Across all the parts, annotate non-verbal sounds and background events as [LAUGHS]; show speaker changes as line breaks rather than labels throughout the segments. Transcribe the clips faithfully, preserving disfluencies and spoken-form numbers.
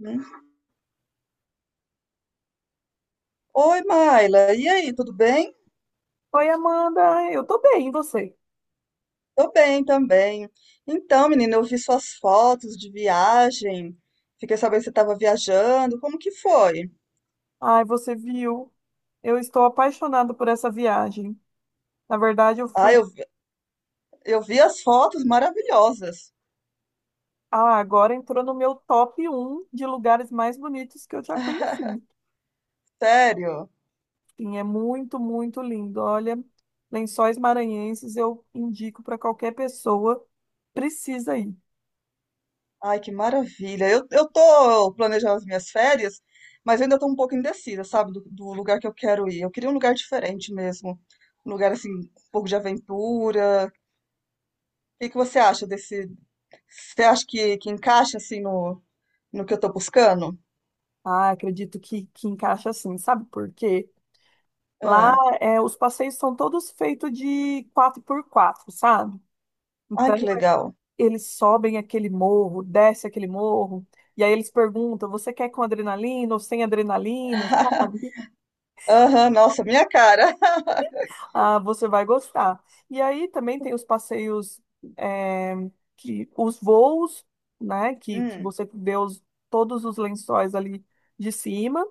Hum. Oi, Maila. E aí, tudo bem?
Oi, Amanda, eu tô bem, e você?
Tô bem também. Então, menina, eu vi suas fotos de viagem. Fiquei sabendo que você estava viajando. Como que foi?
Ai, você viu? Eu estou apaixonado por essa viagem. Na verdade, eu
Ah,
fui.
eu, vi- eu vi as fotos maravilhosas.
Ah, agora entrou no meu top um de lugares mais bonitos que eu já conheci.
[LAUGHS] Sério?
Sim, é muito, muito lindo. Olha, Lençóis Maranhenses eu indico para qualquer pessoa. Precisa ir.
Ai, que maravilha. Eu, eu tô planejando as minhas férias, mas ainda tô um pouco indecisa, sabe, do, do lugar que eu quero ir. Eu queria um lugar diferente mesmo. Um lugar, assim, um pouco de aventura. O que que você acha desse... Você acha que, que encaixa, assim, no, no que eu tô buscando?
Ah, acredito que, que encaixa assim, sabe por quê? Lá
Ah,
é, os passeios são todos feitos de quatro por quatro, sabe?
ai,
Então,
que legal.
eles sobem aquele morro, desce aquele morro, e aí eles perguntam: você quer com adrenalina ou sem adrenalina,
[LAUGHS]
sabe?
Aham, nossa, minha cara. [LAUGHS]
Ah, você vai gostar. E aí também tem os passeios, é, que, os voos, né? Que, que
Hum,
você vê os, todos os lençóis ali de cima.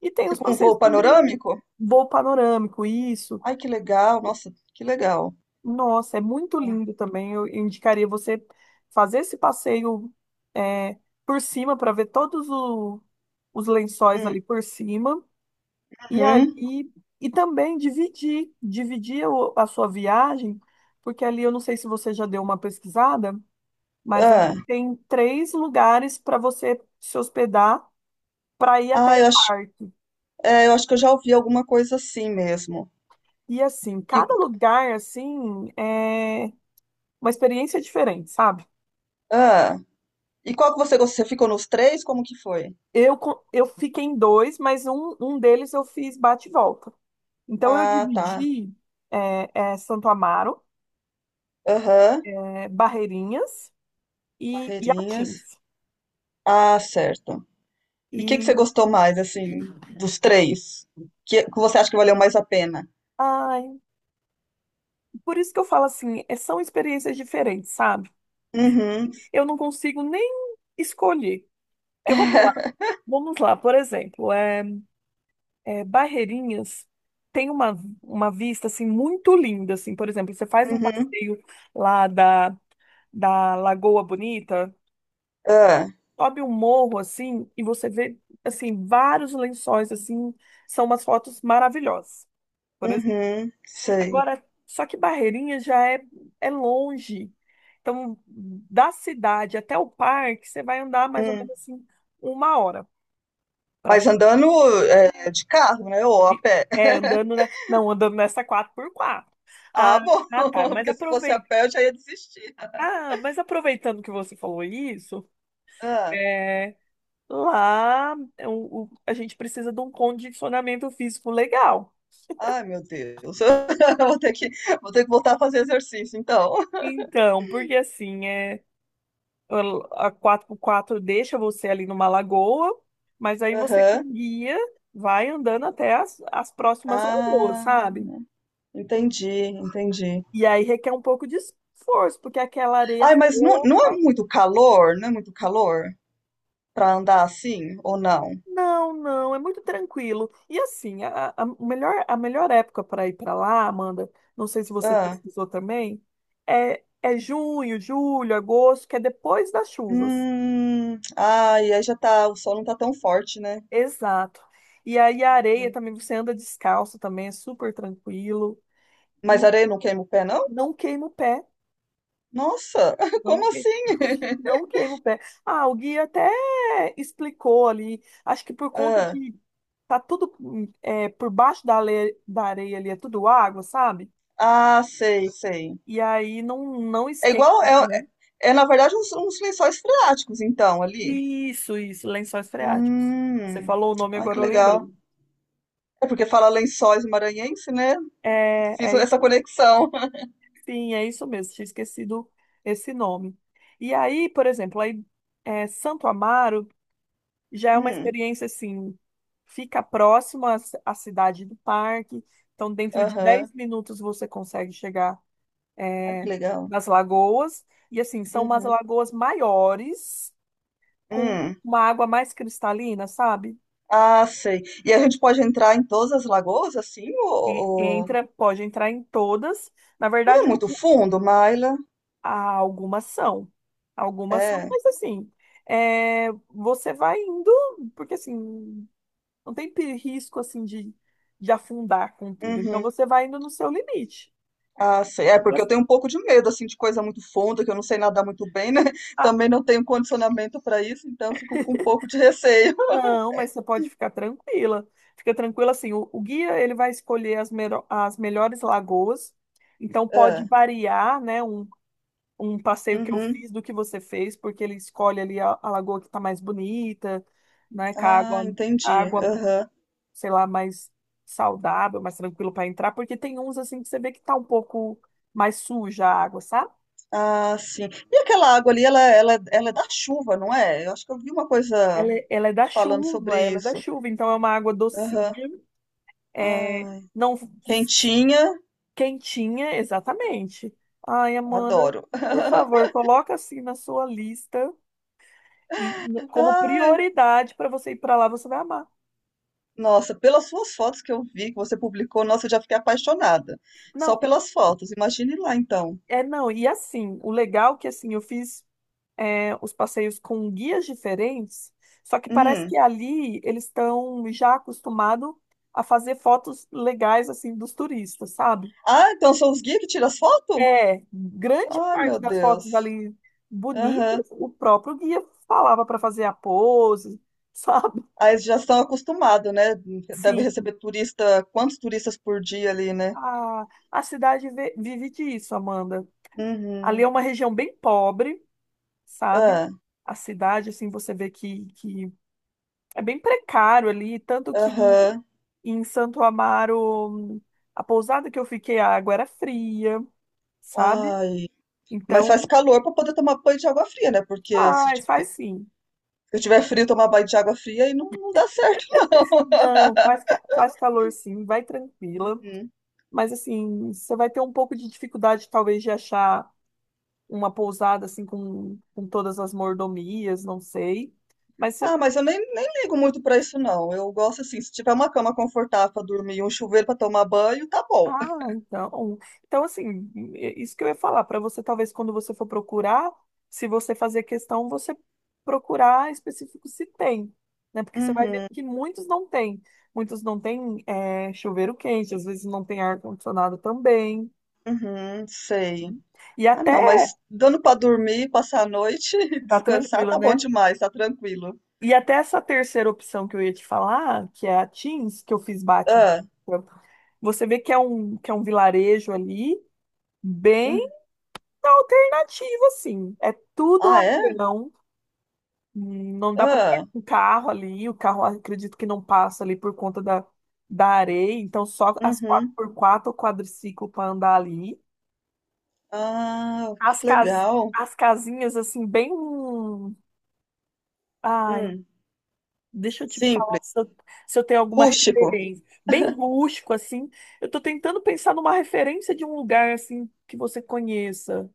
E tem os
tipo um
passeios
voo
também,
panorâmico?
voo panorâmico, isso.
Ai, que legal, nossa, que legal.
Nossa, é muito lindo também. Eu eu indicaria você fazer esse passeio, é, por cima para ver todos o- os lençóis
Hum,
ali por cima. E aí,
uhum.
e também dividir, dividir o- a sua viagem, porque ali eu não sei se você já deu uma pesquisada, mas ali
Ah,
tem três lugares para você se hospedar para ir até
ah,
o
eu acho,
parque.
é, eu acho que eu já ouvi alguma coisa assim mesmo.
E assim,
E,
cada lugar assim é uma experiência diferente, sabe?
ah, e qual que você gostou? Você ficou nos três? Como que foi?
Eu, co- eu fiquei em dois, mas um, um deles eu fiz bate e volta. Então eu
Ah, tá.
dividi é, é, Santo Amaro,
Aham,
é, Barreirinhas e, e
Barreirinhas.
Atins.
Ah, certo. E o que que
E
você gostou mais, assim, dos três? Que, que você acha que valeu mais a pena?
ai, por isso que eu falo assim, é- são experiências diferentes, sabe?
Uhum.
Eu não consigo nem escolher. Porque vamos lá,
[LAUGHS]
vamos lá, por exemplo, é, é, Barreirinhas tem uma, uma vista assim muito linda. Assim, por exemplo, você faz um
Uhum.
passeio lá da da Lagoa Bonita,
É.
sobe um morro assim e você vê assim vários lençóis assim, são umas fotos maravilhosas. Por exemplo.
Uhum. Sei.
Agora, só que Barreirinha já é é longe. Então, da cidade até o parque, você vai andar mais ou
Hum.
menos assim uma hora para
Mas andando é, de carro, né? Ou a pé.
é
[LAUGHS]
andando, né? Não, andando nessa quatro por quatro. Ah,
Ah, bom. [LAUGHS]
ah, tá, mas
Porque se fosse a
aproveita.
pé, eu já ia desistir.
Ah, mas aproveitando que você falou isso,
Ah.
é, Lá, é o- o- a gente precisa de um condicionamento físico legal.
Ai, meu Deus. [LAUGHS] Eu Vou ter que, vou ter que voltar a fazer exercício, então.
Então, porque assim, é, a quatro por quatro deixa você ali numa lagoa, mas aí você
Aham.
com guia vai andando até as, as próximas lagoas,
Ah,
sabe?
entendi, entendi.
E aí requer um pouco de esforço, porque aquela areia é
Ai, mas não, não é
fofa.
muito calor? Não é muito calor para andar assim ou não?
Não, não, é muito tranquilo. E assim, a, a a melhor, a melhor época para ir para lá, Amanda, não sei se você
Ah.
pesquisou também, é, é junho, julho, agosto, que é depois das chuvas.
Hum. Ai, aí já tá. O sol não tá tão forte, né?
Exato. E aí a areia
Uhum.
também, você anda descalço também, é super tranquilo. E
Mas areia não queima o pé, não?
não queima o pé,
Nossa, [LAUGHS]
não,
como
que-
assim? [LAUGHS]
não queima o pé. Ah, o guia até explicou ali, acho que por conta
Ah,
de. Tá tudo, hum, é, por baixo da, ale- da areia ali, é tudo água, sabe?
ah, sei, sei.
E aí não, não
É
esquenta,
igual, é,
né?
é na verdade uns, uns lençóis freáticos, então, ali.
Isso, isso, lençóis freáticos.
Hum,
Você falou o nome,
ai, que
agora eu
legal.
lembrei.
É porque fala lençóis maranhense, né?
É,
Fiz
é
essa
isso,
conexão. [LAUGHS]
sim, é isso mesmo, tinha esquecido esse nome. E aí, por exemplo, aí, é, Santo Amaro já é uma
Hum,
experiência assim, fica próximo à, ci- à cidade do parque, então dentro de
aham,
dez minutos você consegue chegar,
ai, que
é,
legal.
nas lagoas. E assim, são umas
Uhum,
lagoas maiores, com
hum,
uma água mais cristalina, sabe?
ah, sei. E a gente pode entrar em todas as lagoas, assim,
E
ou, ou-
entra, pode entrar em todas. Na
não é
verdade,
muito
algu-
fundo, Maila?
há algumas são. Algumas são,
É,
mas assim, é, você vai indo, porque assim, não tem pe- risco assim de, de afundar com tudo. Então
uhum.
você vai indo no seu limite.
Ah, sei. É, porque eu
Mas-
tenho um pouco de medo, assim, de coisa muito funda, que eu não sei nadar muito bem, né? [LAUGHS]
ah,
Também não tenho condicionamento para isso, então eu fico com um pouco de receio. [LAUGHS]
não, mas você pode ficar tranquila. Fica tranquila assim, o, o guia ele vai escolher as, mero- as melhores lagoas. Então pode
É.
variar, né? um, um passeio que eu
Uhum.
fiz do que você fez, porque ele escolhe ali a, a lagoa que está mais bonita, né, com a água,
Ah,
a
entendi.
água,
Aham.
sei lá, mais saudável, mais tranquilo para entrar, porque tem uns assim que você vê que tá um pouco mais suja a água, sabe?
Ah, sim. E aquela água ali, ela, ela, ela é da chuva, não é? Eu acho que eu vi uma coisa
Ela, é- ela é da
falando
chuva,
sobre
ela é da
isso.
chuva, então é uma água
Aham.
docinha, é,
Ai.
não
Quentinha,
quentinha, exatamente. Ai, Amanda,
adoro.
por favor, coloca assim na sua lista e
[LAUGHS]
como
Ai,
prioridade para você ir para lá, você vai amar.
nossa, pelas suas fotos que eu vi, que você publicou, nossa, eu já fiquei apaixonada. Só
Não,
pelas fotos. Imagine lá, então.
é, não, e assim, o legal é que assim, eu fiz é, os passeios com guias diferentes, só que parece
Hum.
que ali eles estão já acostumados a fazer fotos legais assim dos turistas, sabe?
Ah, então são os guias que tiram as fotos?
É, grande
Ai, meu
parte das fotos
Deus.
ali
Aham.
bonitas, o próprio guia falava para fazer a pose, [LAUGHS] sabe?
Aí eles já estão acostumados, né? Deve
Sim,
receber turista, quantos turistas por dia ali, né?
a, a cidade ve- vive disso, Amanda. Ali é
Uhum.
uma região bem pobre, sabe?
Ah,
A cidade, assim, você vê que, que É bem precário ali, tanto que
aham.
em Santo Amaro, a pousada que eu fiquei, a água era fria, sabe?
Ai. Mas
Então,
faz calor para poder tomar banho de água fria, né? Porque se ti-
faz, faz sim.
se eu tiver frio, tomar banho de água fria aí não, não dá certo, [LAUGHS] não.
Não, faz, ca- faz calor sim, vai tranquila.
Uhum.
Mas assim, você vai ter um pouco de dificuldade, talvez, de achar uma pousada assim com, com todas as mordomias, não sei. Mas você,
Ah, mas eu nem, nem ligo muito para isso, não. Eu gosto assim, se tiver uma cama confortável para dormir e um chuveiro para tomar banho, tá bom.
ah,
[LAUGHS]
então. Então, assim, é isso que eu ia falar, para você, talvez, quando você for procurar, se você fazer questão, você procurar específico se tem, né? Porque você vai ver
Uhum,
que muitos não têm. Muitos não têm, é, chuveiro quente, às vezes não tem ar-condicionado também.
uhum, sei.
E
Ah, não,
até,
mas dando pra dormir, passar a noite [LAUGHS] e
tá
descansar,
tranquilo,
tá bom
né?
demais, tá tranquilo.
E até essa terceira opção que eu ia te falar, que é a Teams, que eu fiz bate.
Ah,
Você vê que é um, que é um vilarejo ali, bem.
hum,
Na alternativa, sim. É tudo
ah, é?
avião. Não dá para pegar
Ah,
um carro ali. O carro, acredito que não passa ali por conta da, da areia. Então, só as quatro
uhum.
por quatro ou quadriciclo para andar ali.
Ah,
As,
que
cas,
legal.
as casinhas, assim, bem. Ai,
Hum,
deixa eu te falar
simples,
se eu, se eu, tenho alguma
rústico.
referência. Bem rústico, assim. Eu tô tentando pensar numa referência de um lugar, assim, que você conheça.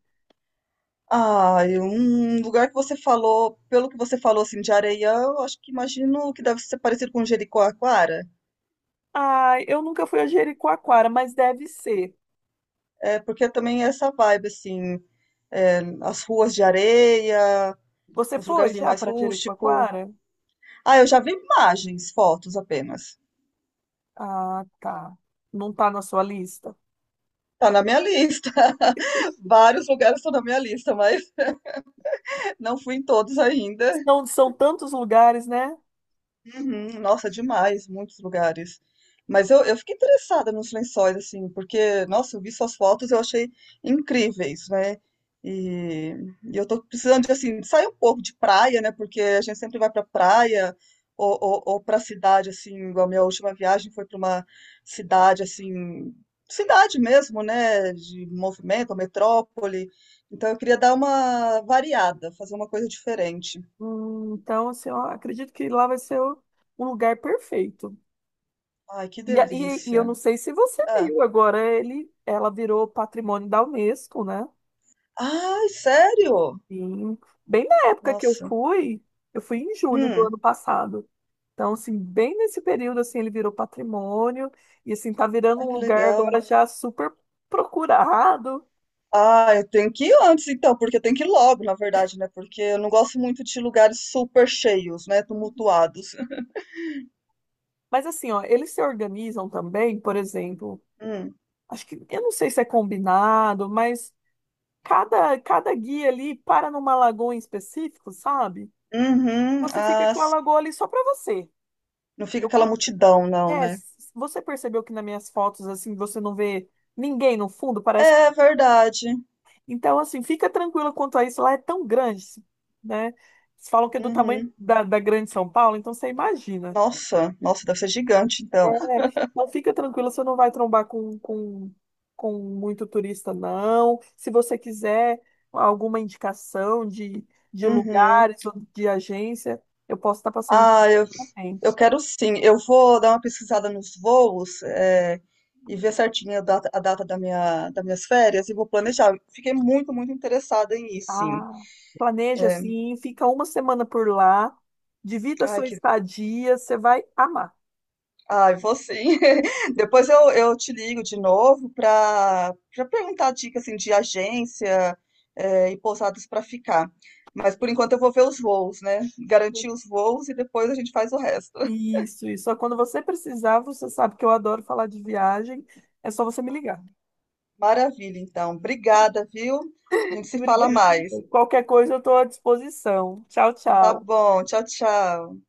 Ah, e um lugar que você falou, pelo que você falou assim, de Areião, acho que imagino que deve ser parecido com Jericoacoara.
Ai, eu nunca fui a Jericoacoara, mas deve ser.
É, porque também é essa vibe, assim, é, as ruas de areia,
Você
uns
foi
lugarzinhos
já
mais
para
rústico.
Jericoacoara?
Ah, eu já vi imagens, fotos apenas.
Ah, tá. Não tá na sua lista.
Tá na minha lista. [LAUGHS] Vários lugares estão na minha lista, mas [LAUGHS] não fui em todos ainda.
São, são tantos lugares, né?
Uhum, nossa, demais, muitos lugares. Mas eu, eu fiquei interessada nos lençóis, assim, porque, nossa, eu vi suas fotos, e eu achei incríveis, né? E, e eu tô precisando de, assim, sair um pouco de praia, né? Porque a gente sempre vai pra praia ou, ou, ou pra cidade, assim, igual a minha última viagem foi pra uma cidade, assim, cidade mesmo, né? De movimento, metrópole. Então eu queria dar uma variada, fazer uma coisa diferente.
Hum, então, assim, eu acredito que lá vai ser o- um lugar perfeito.
Ai, que
E, a- e, e eu
delícia.
não sei se você
Ah.
viu, agora ele, ela virou patrimônio da Unesco, né?
Ai, sério?
Sim. Bem na época que eu
Nossa.
fui, eu fui em julho do
Hum.
ano passado. Então, assim, bem nesse período, assim, ele virou patrimônio e, assim, tá virando
Ai,
um
que
lugar
legal.
agora já super procurado.
Ah, eu tenho que ir antes então, porque eu tenho que ir logo, na verdade, né? Porque eu não gosto muito de lugares super cheios, né? Tumultuados. [LAUGHS]
Mas assim, ó, eles se organizam também, por exemplo,
Hum.
acho que, eu não sei se é combinado, mas cada, cada guia ali para numa lagoa em específico, sabe?
Uhum.
Você fica
Ah,
com a
sim.
lagoa ali só para você.
Não fica
Eu,
aquela
con-
multidão, não,
é,
né?
s- você percebeu que nas minhas fotos, assim, você não vê ninguém no fundo, parece
É
que...
verdade.
Então, assim, fica tranquila quanto a isso, lá é tão grande, né? Eles falam que é do tamanho
Uhum.
da, da Grande São Paulo, então você imagina.
Nossa, nossa, deve ser gigante, então.
É,
[LAUGHS]
então fica tranquila, você não vai trombar com, com, com muito turista, não. Se você quiser alguma indicação de, de
Uhum.
lugares ou de agência, eu posso estar passando
Ah, eu
também.
Eu quero sim. Eu vou dar uma pesquisada nos voos, é, e ver certinho a data, a data da minha, das minhas férias e vou planejar. Fiquei muito, muito interessada em ir, sim.
Ah, planeja assim, fica uma semana por lá, divida a
Ai,
sua
que.
estadia, você vai amar.
Ai, vou sim. [LAUGHS] Depois eu, eu te ligo de novo para para perguntar dicas assim, de agência, é, e pousadas para ficar. Mas por enquanto eu vou ver os voos, né? Garantir os voos e depois a gente faz o resto. [LAUGHS]
Isso, isso. Só Quando você precisar, você sabe que eu adoro falar de viagem, é só você me ligar.
Maravilha, então. Obrigada, viu? A
[LAUGHS]
gente se fala
Obrigada.
mais.
Qualquer coisa eu estou à disposição. Tchau,
Tá
tchau.
bom. Tchau, tchau.